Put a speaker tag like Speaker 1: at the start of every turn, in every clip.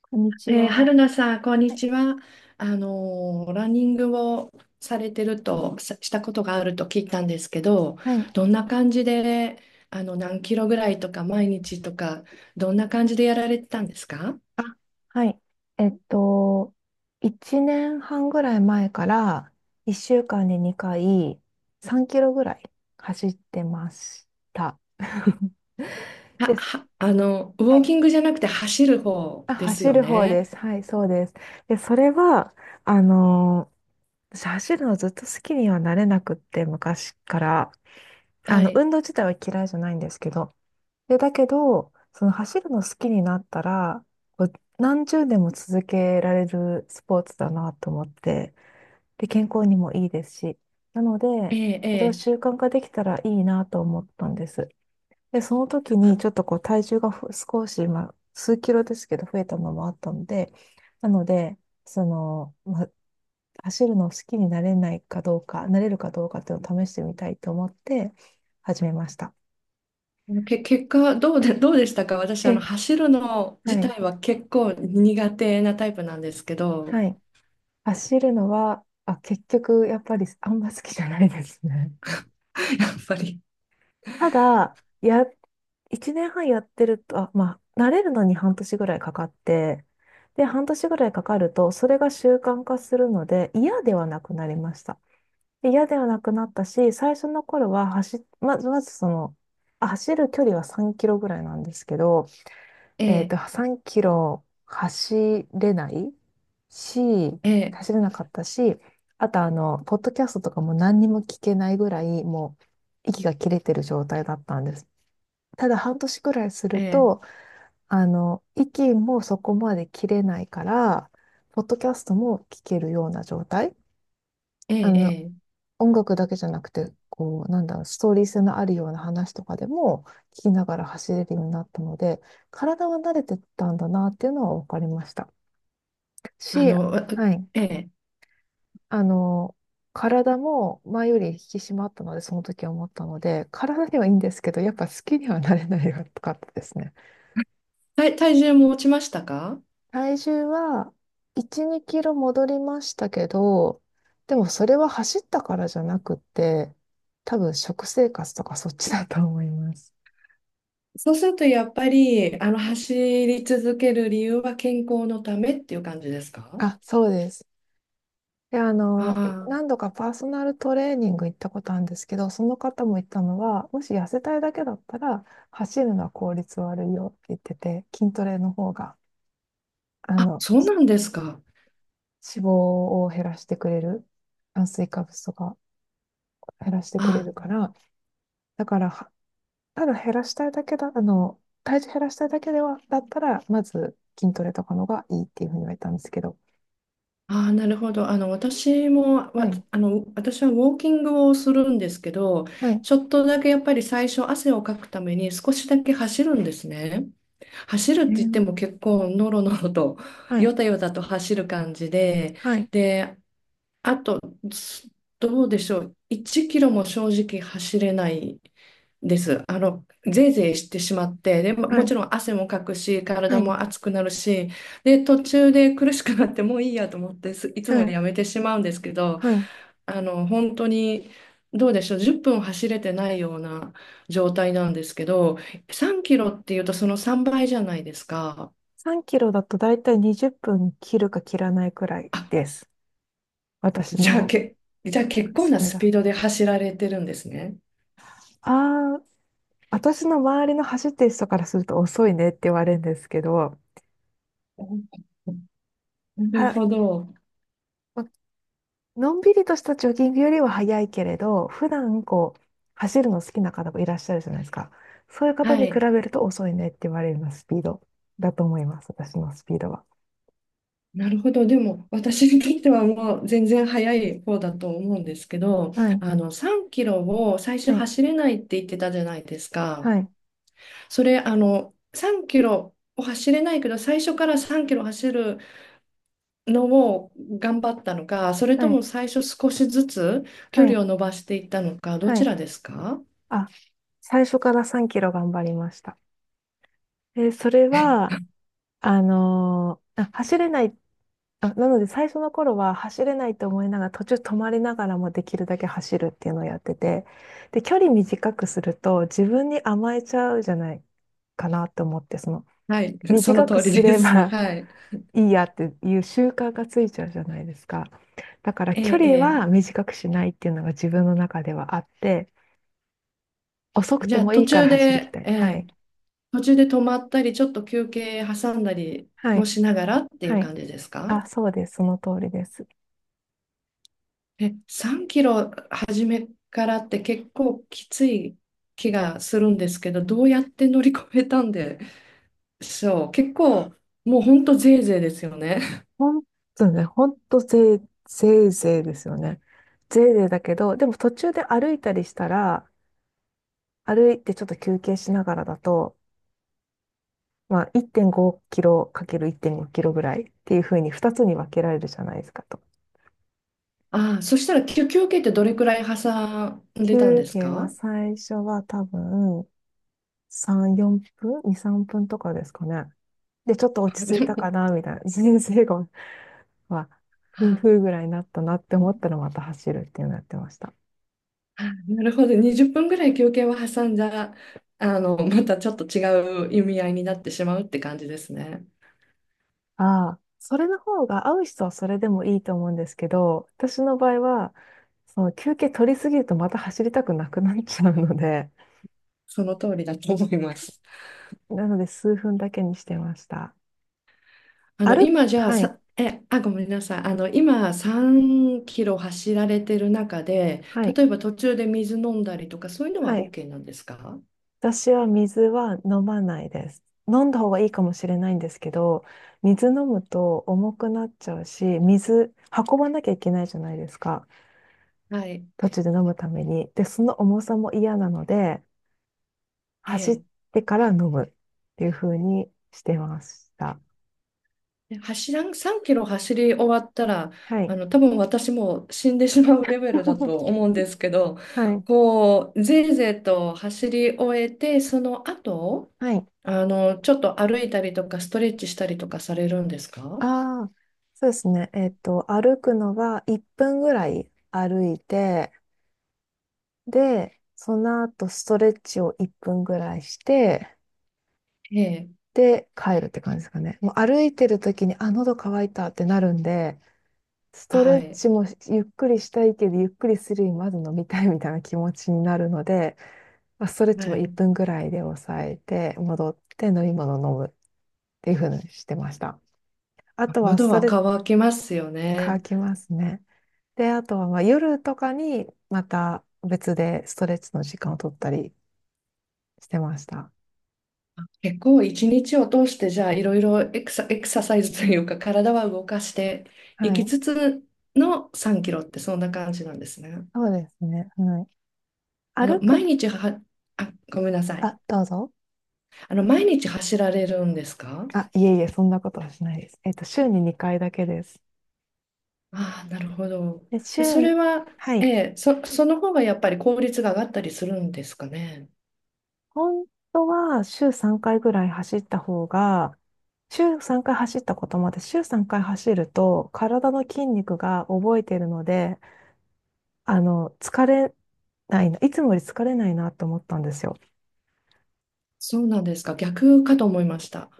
Speaker 1: こんにちは。
Speaker 2: 春菜さん、こん
Speaker 1: は
Speaker 2: に
Speaker 1: い。
Speaker 2: ちは。ランニングをされてると、さしたことがあると聞いたんですけど、
Speaker 1: はい。
Speaker 2: どんな感じで、あの、何キロぐらいとか、毎日とか、どんな感じでやられてたんですか？
Speaker 1: あ、はい。えっと、1年半ぐらい前から1週間に2回3キロぐらい走ってました。
Speaker 2: あ、
Speaker 1: です。
Speaker 2: は、あの、
Speaker 1: は
Speaker 2: ウォー
Speaker 1: い。
Speaker 2: キングじゃなくて走る方
Speaker 1: あ、
Speaker 2: です
Speaker 1: 走
Speaker 2: よ
Speaker 1: る方で
Speaker 2: ね。
Speaker 1: す。はい、そうです。で、それは、あのー私走るのずっと好きにはなれなくって、昔から。あ
Speaker 2: は
Speaker 1: の、
Speaker 2: い。
Speaker 1: 運動自体は嫌いじゃないんですけど、で、だけど、その走るの好きになったら、こう何十年も続けられるスポーツだなと思って、で、健康にもいいですし、なの
Speaker 2: え
Speaker 1: で、
Speaker 2: え、え
Speaker 1: それを
Speaker 2: え。
Speaker 1: 習慣化できたらいいなと思ったんです。で、その時にちょっとこう体重が少し、まあ、数キロですけど増えたのもあったので、なので、その、まあ、走るの好きになれないかどうか、なれるかどうかっていうのを試してみたいと思って始めました。
Speaker 2: け、結果どうで、どうでしたか？私、あの、
Speaker 1: え
Speaker 2: 走るの自
Speaker 1: はい。
Speaker 2: 体は結構苦手なタイプなんですけど、
Speaker 1: はい。走るのは、あ、結局、やっぱりあんま好きじゃないですね。
Speaker 2: やっぱり、
Speaker 1: ただ、や、1年半やってると、あ、まあ、慣れるのに半年ぐらいかかって、で、半年ぐらいかかると、それが習慣化するので、嫌ではなくなりました。で嫌ではなくなったし、最初の頃はまず、その、あ走る距離は3キロぐらいなんですけど、
Speaker 2: ええ、
Speaker 1: 3キロ走れないし、
Speaker 2: ええ、
Speaker 1: 走れなかったし、あとあの、ポッドキャストとかも何にも聞けないぐらい、もう息が切れてる状態だったんです。ただ半年くらいす
Speaker 2: え
Speaker 1: る
Speaker 2: え、
Speaker 1: と、あの、息もそこまで切れないから、ポッドキャストも聞けるような状態。
Speaker 2: え
Speaker 1: あ
Speaker 2: え、
Speaker 1: の、
Speaker 2: ええ、
Speaker 1: 音楽だけじゃなくて、こう、なんだろう、ストーリー性のあるような話とかでも聞きながら走れるようになったので、体は慣れてたんだなっていうのは分かりました。
Speaker 2: あ
Speaker 1: し、
Speaker 2: の、わ、
Speaker 1: はい。
Speaker 2: ええ、
Speaker 1: あの、体も前より引き締まったので、その時は思ったので、体にはいいんですけど、やっぱ好きにはなれないかったですね。
Speaker 2: 体、体重も落ちましたか？
Speaker 1: 体重は1、2キロ戻りましたけど、でもそれは走ったからじゃなくて、多分食生活とかそっちだと思います。
Speaker 2: そうすると、やっぱり、あの、走り続ける理由は健康のためっていう感じですか？
Speaker 1: あ、そうです。で、あ
Speaker 2: あ
Speaker 1: の、い何度かパーソナルトレーニング行ったことあるんですけど、その方も言ったのは、もし痩せたいだけだったら、走るのは効率悪いよって言ってて、筋トレの方が、あ
Speaker 2: あー、あ、
Speaker 1: の、
Speaker 2: そうなんですか。
Speaker 1: 脂肪を減らしてくれる、炭水化物とか減らしてくれる
Speaker 2: あ
Speaker 1: から、だから、はただ減らしたいだけだ、あの、体重減らしたいだけでは、だったら、まず筋トレとかの方がいいっていうふうに言われたんですけど。
Speaker 2: あ、あ、なるほど。あの、私も、
Speaker 1: は
Speaker 2: わ、
Speaker 1: い、
Speaker 2: あの、私はウォーキングをするんですけど、
Speaker 1: はい、
Speaker 2: ちょっとだけやっぱり最初汗をかくために少しだけ走るんですね。走るっ
Speaker 1: う
Speaker 2: て言って
Speaker 1: ん、
Speaker 2: も結構ノロノロと、
Speaker 1: はい、
Speaker 2: ヨタヨタと走る感じで、
Speaker 1: はい、
Speaker 2: で、す、どうでしょう。1キロも正直走れないです。あの、ぜいぜいしてしまって、で、も
Speaker 1: は
Speaker 2: もち
Speaker 1: い、
Speaker 2: ろん汗もかくし、
Speaker 1: は
Speaker 2: 体
Speaker 1: い、
Speaker 2: も熱くなるし、で、途中で苦しくなってもういいやと思ってす、いつ
Speaker 1: は
Speaker 2: も
Speaker 1: い。
Speaker 2: やめてしまうんですけど、
Speaker 1: はい。
Speaker 2: あの、本当に、どうでしょう、10分走れてないような状態なんですけど、3キロっていうとその3倍じゃないですか。
Speaker 1: 3キロだとだいたい20分切るか切らないくらい
Speaker 2: あ、
Speaker 1: です。私
Speaker 2: じゃあ、
Speaker 1: の、
Speaker 2: け、じゃあ結構
Speaker 1: そ
Speaker 2: な
Speaker 1: れ
Speaker 2: スピ
Speaker 1: だ。
Speaker 2: ードで走られてるんですね。
Speaker 1: ああ、私の周りの走ってる人からすると遅いねって言われるんですけど、
Speaker 2: お、なる
Speaker 1: は、
Speaker 2: ほど。
Speaker 1: ま、のんびりとしたジョギングよりは早いけれど、普段こう、走るの好きな方もいらっしゃるじゃないですか。そういう方
Speaker 2: は
Speaker 1: に比
Speaker 2: い。
Speaker 1: べると遅いねって言われるようなスピードだと思います。私のスピードは。
Speaker 2: なるほど。でも、私にとってはもう全然早い方だと思うんですけど、
Speaker 1: はい、
Speaker 2: あの、3キロを最初
Speaker 1: はい、
Speaker 2: 走れないって言ってたじゃないですか。
Speaker 1: はい、
Speaker 2: それ、あの、3キロを走れないけど、最初から3キロ走るのを頑張ったのか、それと
Speaker 1: はい、
Speaker 2: も最初少しずつ
Speaker 1: は
Speaker 2: 距離
Speaker 1: い、
Speaker 2: を伸ばしていったのか、ど
Speaker 1: は
Speaker 2: ち
Speaker 1: い。
Speaker 2: らですか？
Speaker 1: あ、最初から3キロ頑張りました。えそれは、あ、走れない、あ、なので最初の頃は走れないと思いながら途中止まりながらもできるだけ走るっていうのをやってて、で、距離短くすると自分に甘えちゃうじゃないかなと思って、その
Speaker 2: はい、その
Speaker 1: 短く
Speaker 2: 通
Speaker 1: す
Speaker 2: りで
Speaker 1: れ
Speaker 2: す。
Speaker 1: ば
Speaker 2: はい。
Speaker 1: いいやっていう習慣がついちゃうじゃないですか。だから
Speaker 2: え
Speaker 1: 距
Speaker 2: え、
Speaker 1: 離
Speaker 2: え
Speaker 1: は短くしないっていうのが自分の中ではあって、遅く
Speaker 2: え。じ
Speaker 1: て
Speaker 2: ゃあ、
Speaker 1: もい
Speaker 2: 途
Speaker 1: いから
Speaker 2: 中
Speaker 1: 走りき
Speaker 2: で、
Speaker 1: たい。
Speaker 2: え
Speaker 1: は
Speaker 2: え。
Speaker 1: い。
Speaker 2: 途中で止まったり、ちょっと休憩挟んだり
Speaker 1: は
Speaker 2: も
Speaker 1: い。
Speaker 2: しながらっていう
Speaker 1: はい。
Speaker 2: 感じですか？
Speaker 1: あ、そうです。その通りです。
Speaker 2: え、3キロ初めからって結構きつい気がするんですけど、どうやって乗り越えたんでしょう。結構もうほんとぜいぜいですよね。
Speaker 1: ほんとね、ほんとぜい、ぜいぜいですよね。ぜいぜいだけど、でも途中で歩いたりしたら、歩いてちょっと休憩しながらだと、まあ1.5キロかける1.5キロぐらいっていうふうに2つに分けられるじゃないですかと。
Speaker 2: ああ、そしたら休休憩ってどれくらい挟んでたん
Speaker 1: 休
Speaker 2: です
Speaker 1: 憩は
Speaker 2: か？
Speaker 1: 最初は多分3、4分 ?2、3分とかですかね。で、ちょっと落ち着い
Speaker 2: で
Speaker 1: たか
Speaker 2: も
Speaker 1: な、みたいな。人生が、まあ、ふ
Speaker 2: あ
Speaker 1: 婦ぐらいになったなって思ったらまた走るっていうのやってました。
Speaker 2: あ、なるほど。20分ぐらい休憩を挟んじゃ、あの、またちょっと違う意味合いになってしまうって感じですね。
Speaker 1: ああ、それの方が合う人はそれでもいいと思うんですけど、私の場合は、その休憩取りすぎるとまた走りたくなくなっちゃうので、
Speaker 2: その通りだと思います。
Speaker 1: なので数分だけにしてました。
Speaker 2: あの、
Speaker 1: 歩、
Speaker 2: 今じゃあ
Speaker 1: はい、
Speaker 2: さ、え、あ、ごめんなさい。あの、今3キロ走られてる中で、
Speaker 1: はい、
Speaker 2: 例えば途中で水飲んだりとか、そういうの
Speaker 1: は
Speaker 2: は
Speaker 1: い。
Speaker 2: OK なんですか？
Speaker 1: 私は水は飲まないです。飲んだ方がいいかもしれないんですけど、水飲むと重くなっちゃうし、水運ばなきゃいけないじゃないですか。
Speaker 2: はい。
Speaker 1: 途中で飲むために。で、その重さも嫌なので、
Speaker 2: え
Speaker 1: 走っ
Speaker 2: え。
Speaker 1: てから飲むっていう風にしてました。
Speaker 2: で走らん、3キロ走り終わったら、
Speaker 1: は
Speaker 2: あ
Speaker 1: い。
Speaker 2: の、多分私も死んでしまうレベルだと 思うんですけど、
Speaker 1: はい。
Speaker 2: こう、ぜいぜいと走り終えて、その後、
Speaker 1: はい。
Speaker 2: あの、ちょっと歩いたりとか、ストレッチしたりとかされるんですか？
Speaker 1: ああ、そうですね。歩くのは1分ぐらい歩いて、で、その後ストレッチを1分ぐらいして、
Speaker 2: ええ。
Speaker 1: で、帰るって感じですかね。もう歩いてる時に、あ、喉乾いたってなるんで、スト
Speaker 2: は
Speaker 1: レッ
Speaker 2: い。
Speaker 1: チもゆっくりしたいけど、ゆっくりするよりまず飲みたいみたいな気持ちになるので、まあ、ストレッ
Speaker 2: は
Speaker 1: チも1
Speaker 2: い。
Speaker 1: 分ぐらいで抑えて、戻って飲み物を飲むっていうふうにしてました。あとは
Speaker 2: 喉
Speaker 1: スト
Speaker 2: は
Speaker 1: レッチ
Speaker 2: 渇きますよ
Speaker 1: 乾
Speaker 2: ね。
Speaker 1: きますね。で、あとはまあ夜とかにまた別でストレッチの時間を取ったりしてました。
Speaker 2: 結構一日を通してじゃあいろいろエクサ、エクササイズというか体は動かしてい
Speaker 1: は
Speaker 2: き
Speaker 1: い。
Speaker 2: つつの3キロってそんな感じなんですね。
Speaker 1: そうですね。はい。
Speaker 2: あの
Speaker 1: 歩く
Speaker 2: 毎
Speaker 1: と、
Speaker 2: 日は、あ、ごめんなさい。
Speaker 1: あ、どうぞ。
Speaker 2: あの毎日走られるんですか？
Speaker 1: あ、いえいえ、そんなことはしないです。週に2回だけです。
Speaker 2: ああー、なるほど。
Speaker 1: で、
Speaker 2: で
Speaker 1: 週
Speaker 2: それ
Speaker 1: に、
Speaker 2: は、
Speaker 1: は
Speaker 2: え
Speaker 1: い。
Speaker 2: え、そ、その方がやっぱり効率が上がったりするんですかね。
Speaker 1: 本当は週3回ぐらい走った方が、週3回走ったこともあって、週3回走ると体の筋肉が覚えているので、あの、疲れないな、いつもより疲れないなと思ったんですよ。
Speaker 2: そうなんですか。逆かと思いました。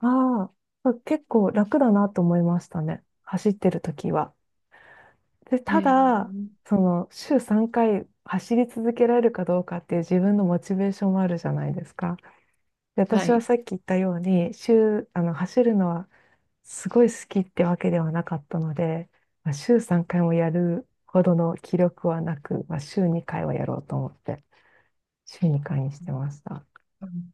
Speaker 1: ああ、結構楽だなと思いましたね。走ってる時は。で、
Speaker 2: え
Speaker 1: ただ、
Speaker 2: え、
Speaker 1: その、週3回走り続けられるかどうかっていう自分のモチベーションもあるじゃないですか。で、
Speaker 2: は
Speaker 1: 私は
Speaker 2: い。
Speaker 1: さっき言ったように、週、あの、走るのはすごい好きってわけではなかったので、まあ、週3回もやるほどの気力はなく、まあ、週2回はやろうと思って、週2回にしてました。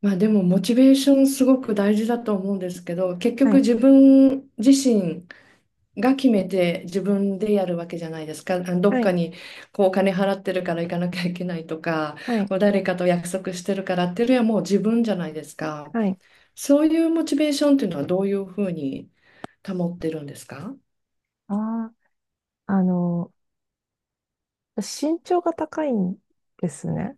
Speaker 2: まあでもモチベーションすごく大事だと思うんですけど、結
Speaker 1: は
Speaker 2: 局
Speaker 1: い、
Speaker 2: 自分自身が決めて自分でやるわけじゃないですか。あのどっ
Speaker 1: は
Speaker 2: か
Speaker 1: い、
Speaker 2: にこうお金払ってるから行かなきゃいけないとか、
Speaker 1: はい、
Speaker 2: こう誰かと約束してるからっていうよりはもう自分じゃないですか。
Speaker 1: はい。
Speaker 2: そういうモチベーションっていうのはどういうふうに保ってるんですか？
Speaker 1: ああ、あの、身長が高いんですね。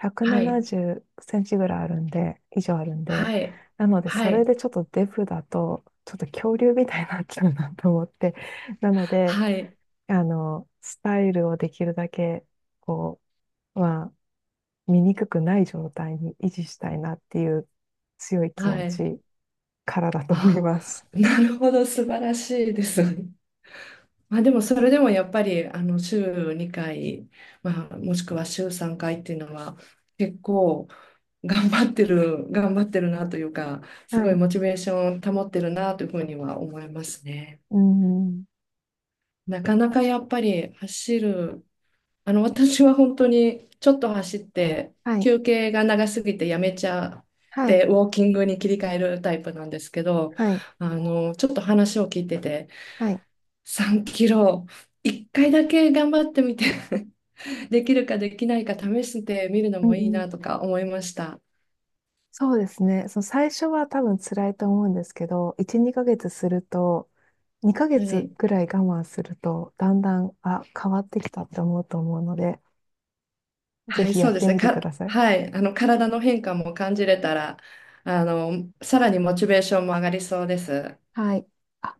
Speaker 1: 170
Speaker 2: はい、
Speaker 1: センチぐらいあるんで、以上あるんで、
Speaker 2: はい、
Speaker 1: なので、そ
Speaker 2: は
Speaker 1: れ
Speaker 2: い、
Speaker 1: でちょっとデブだと、ちょっと恐竜みたいになっちゃうなと思って、なので、
Speaker 2: はい、
Speaker 1: あの、スタイルをできるだけ、こう、まあ醜くない状態に維持したいなっていう強い気
Speaker 2: は
Speaker 1: 持
Speaker 2: い。
Speaker 1: ちからだと思い
Speaker 2: あ、
Speaker 1: ます。
Speaker 2: なるほど、素晴らしいですね。まあ、でもそれでもやっぱりあの週2回、まあ、もしくは週3回っていうのは結構頑張ってるなというかす
Speaker 1: は
Speaker 2: ごい
Speaker 1: い。
Speaker 2: モチベーション保ってるなというふうには思いますね。
Speaker 1: うん。
Speaker 2: なかなかやっぱり走る、あの私は本当にちょっと走って
Speaker 1: はい。
Speaker 2: 休憩が長すぎてやめちゃっ
Speaker 1: はい。
Speaker 2: てウォーキングに切り替えるタイプなんですけど、
Speaker 1: はい。
Speaker 2: あのちょっと話を聞いてて
Speaker 1: はい。
Speaker 2: 3キロ1回だけ頑張ってみてできるかできないか試してみるの
Speaker 1: うん
Speaker 2: もいい
Speaker 1: う
Speaker 2: なと
Speaker 1: ん、
Speaker 2: か思いました。
Speaker 1: そうですね。その最初は多分辛いと思うんですけど、1、2ヶ月すると、2ヶ
Speaker 2: は
Speaker 1: 月
Speaker 2: い。
Speaker 1: ぐらい我慢すると、だんだん、あ、変わってきたって思うと思うので、ぜ
Speaker 2: はい、
Speaker 1: ひや
Speaker 2: そう
Speaker 1: っ
Speaker 2: です
Speaker 1: て
Speaker 2: ね。
Speaker 1: みてく
Speaker 2: か、
Speaker 1: ださい。
Speaker 2: はい。あの、体の変化も感じれたら、あの、さらにモチベーションも上がりそうです。
Speaker 1: はい。あ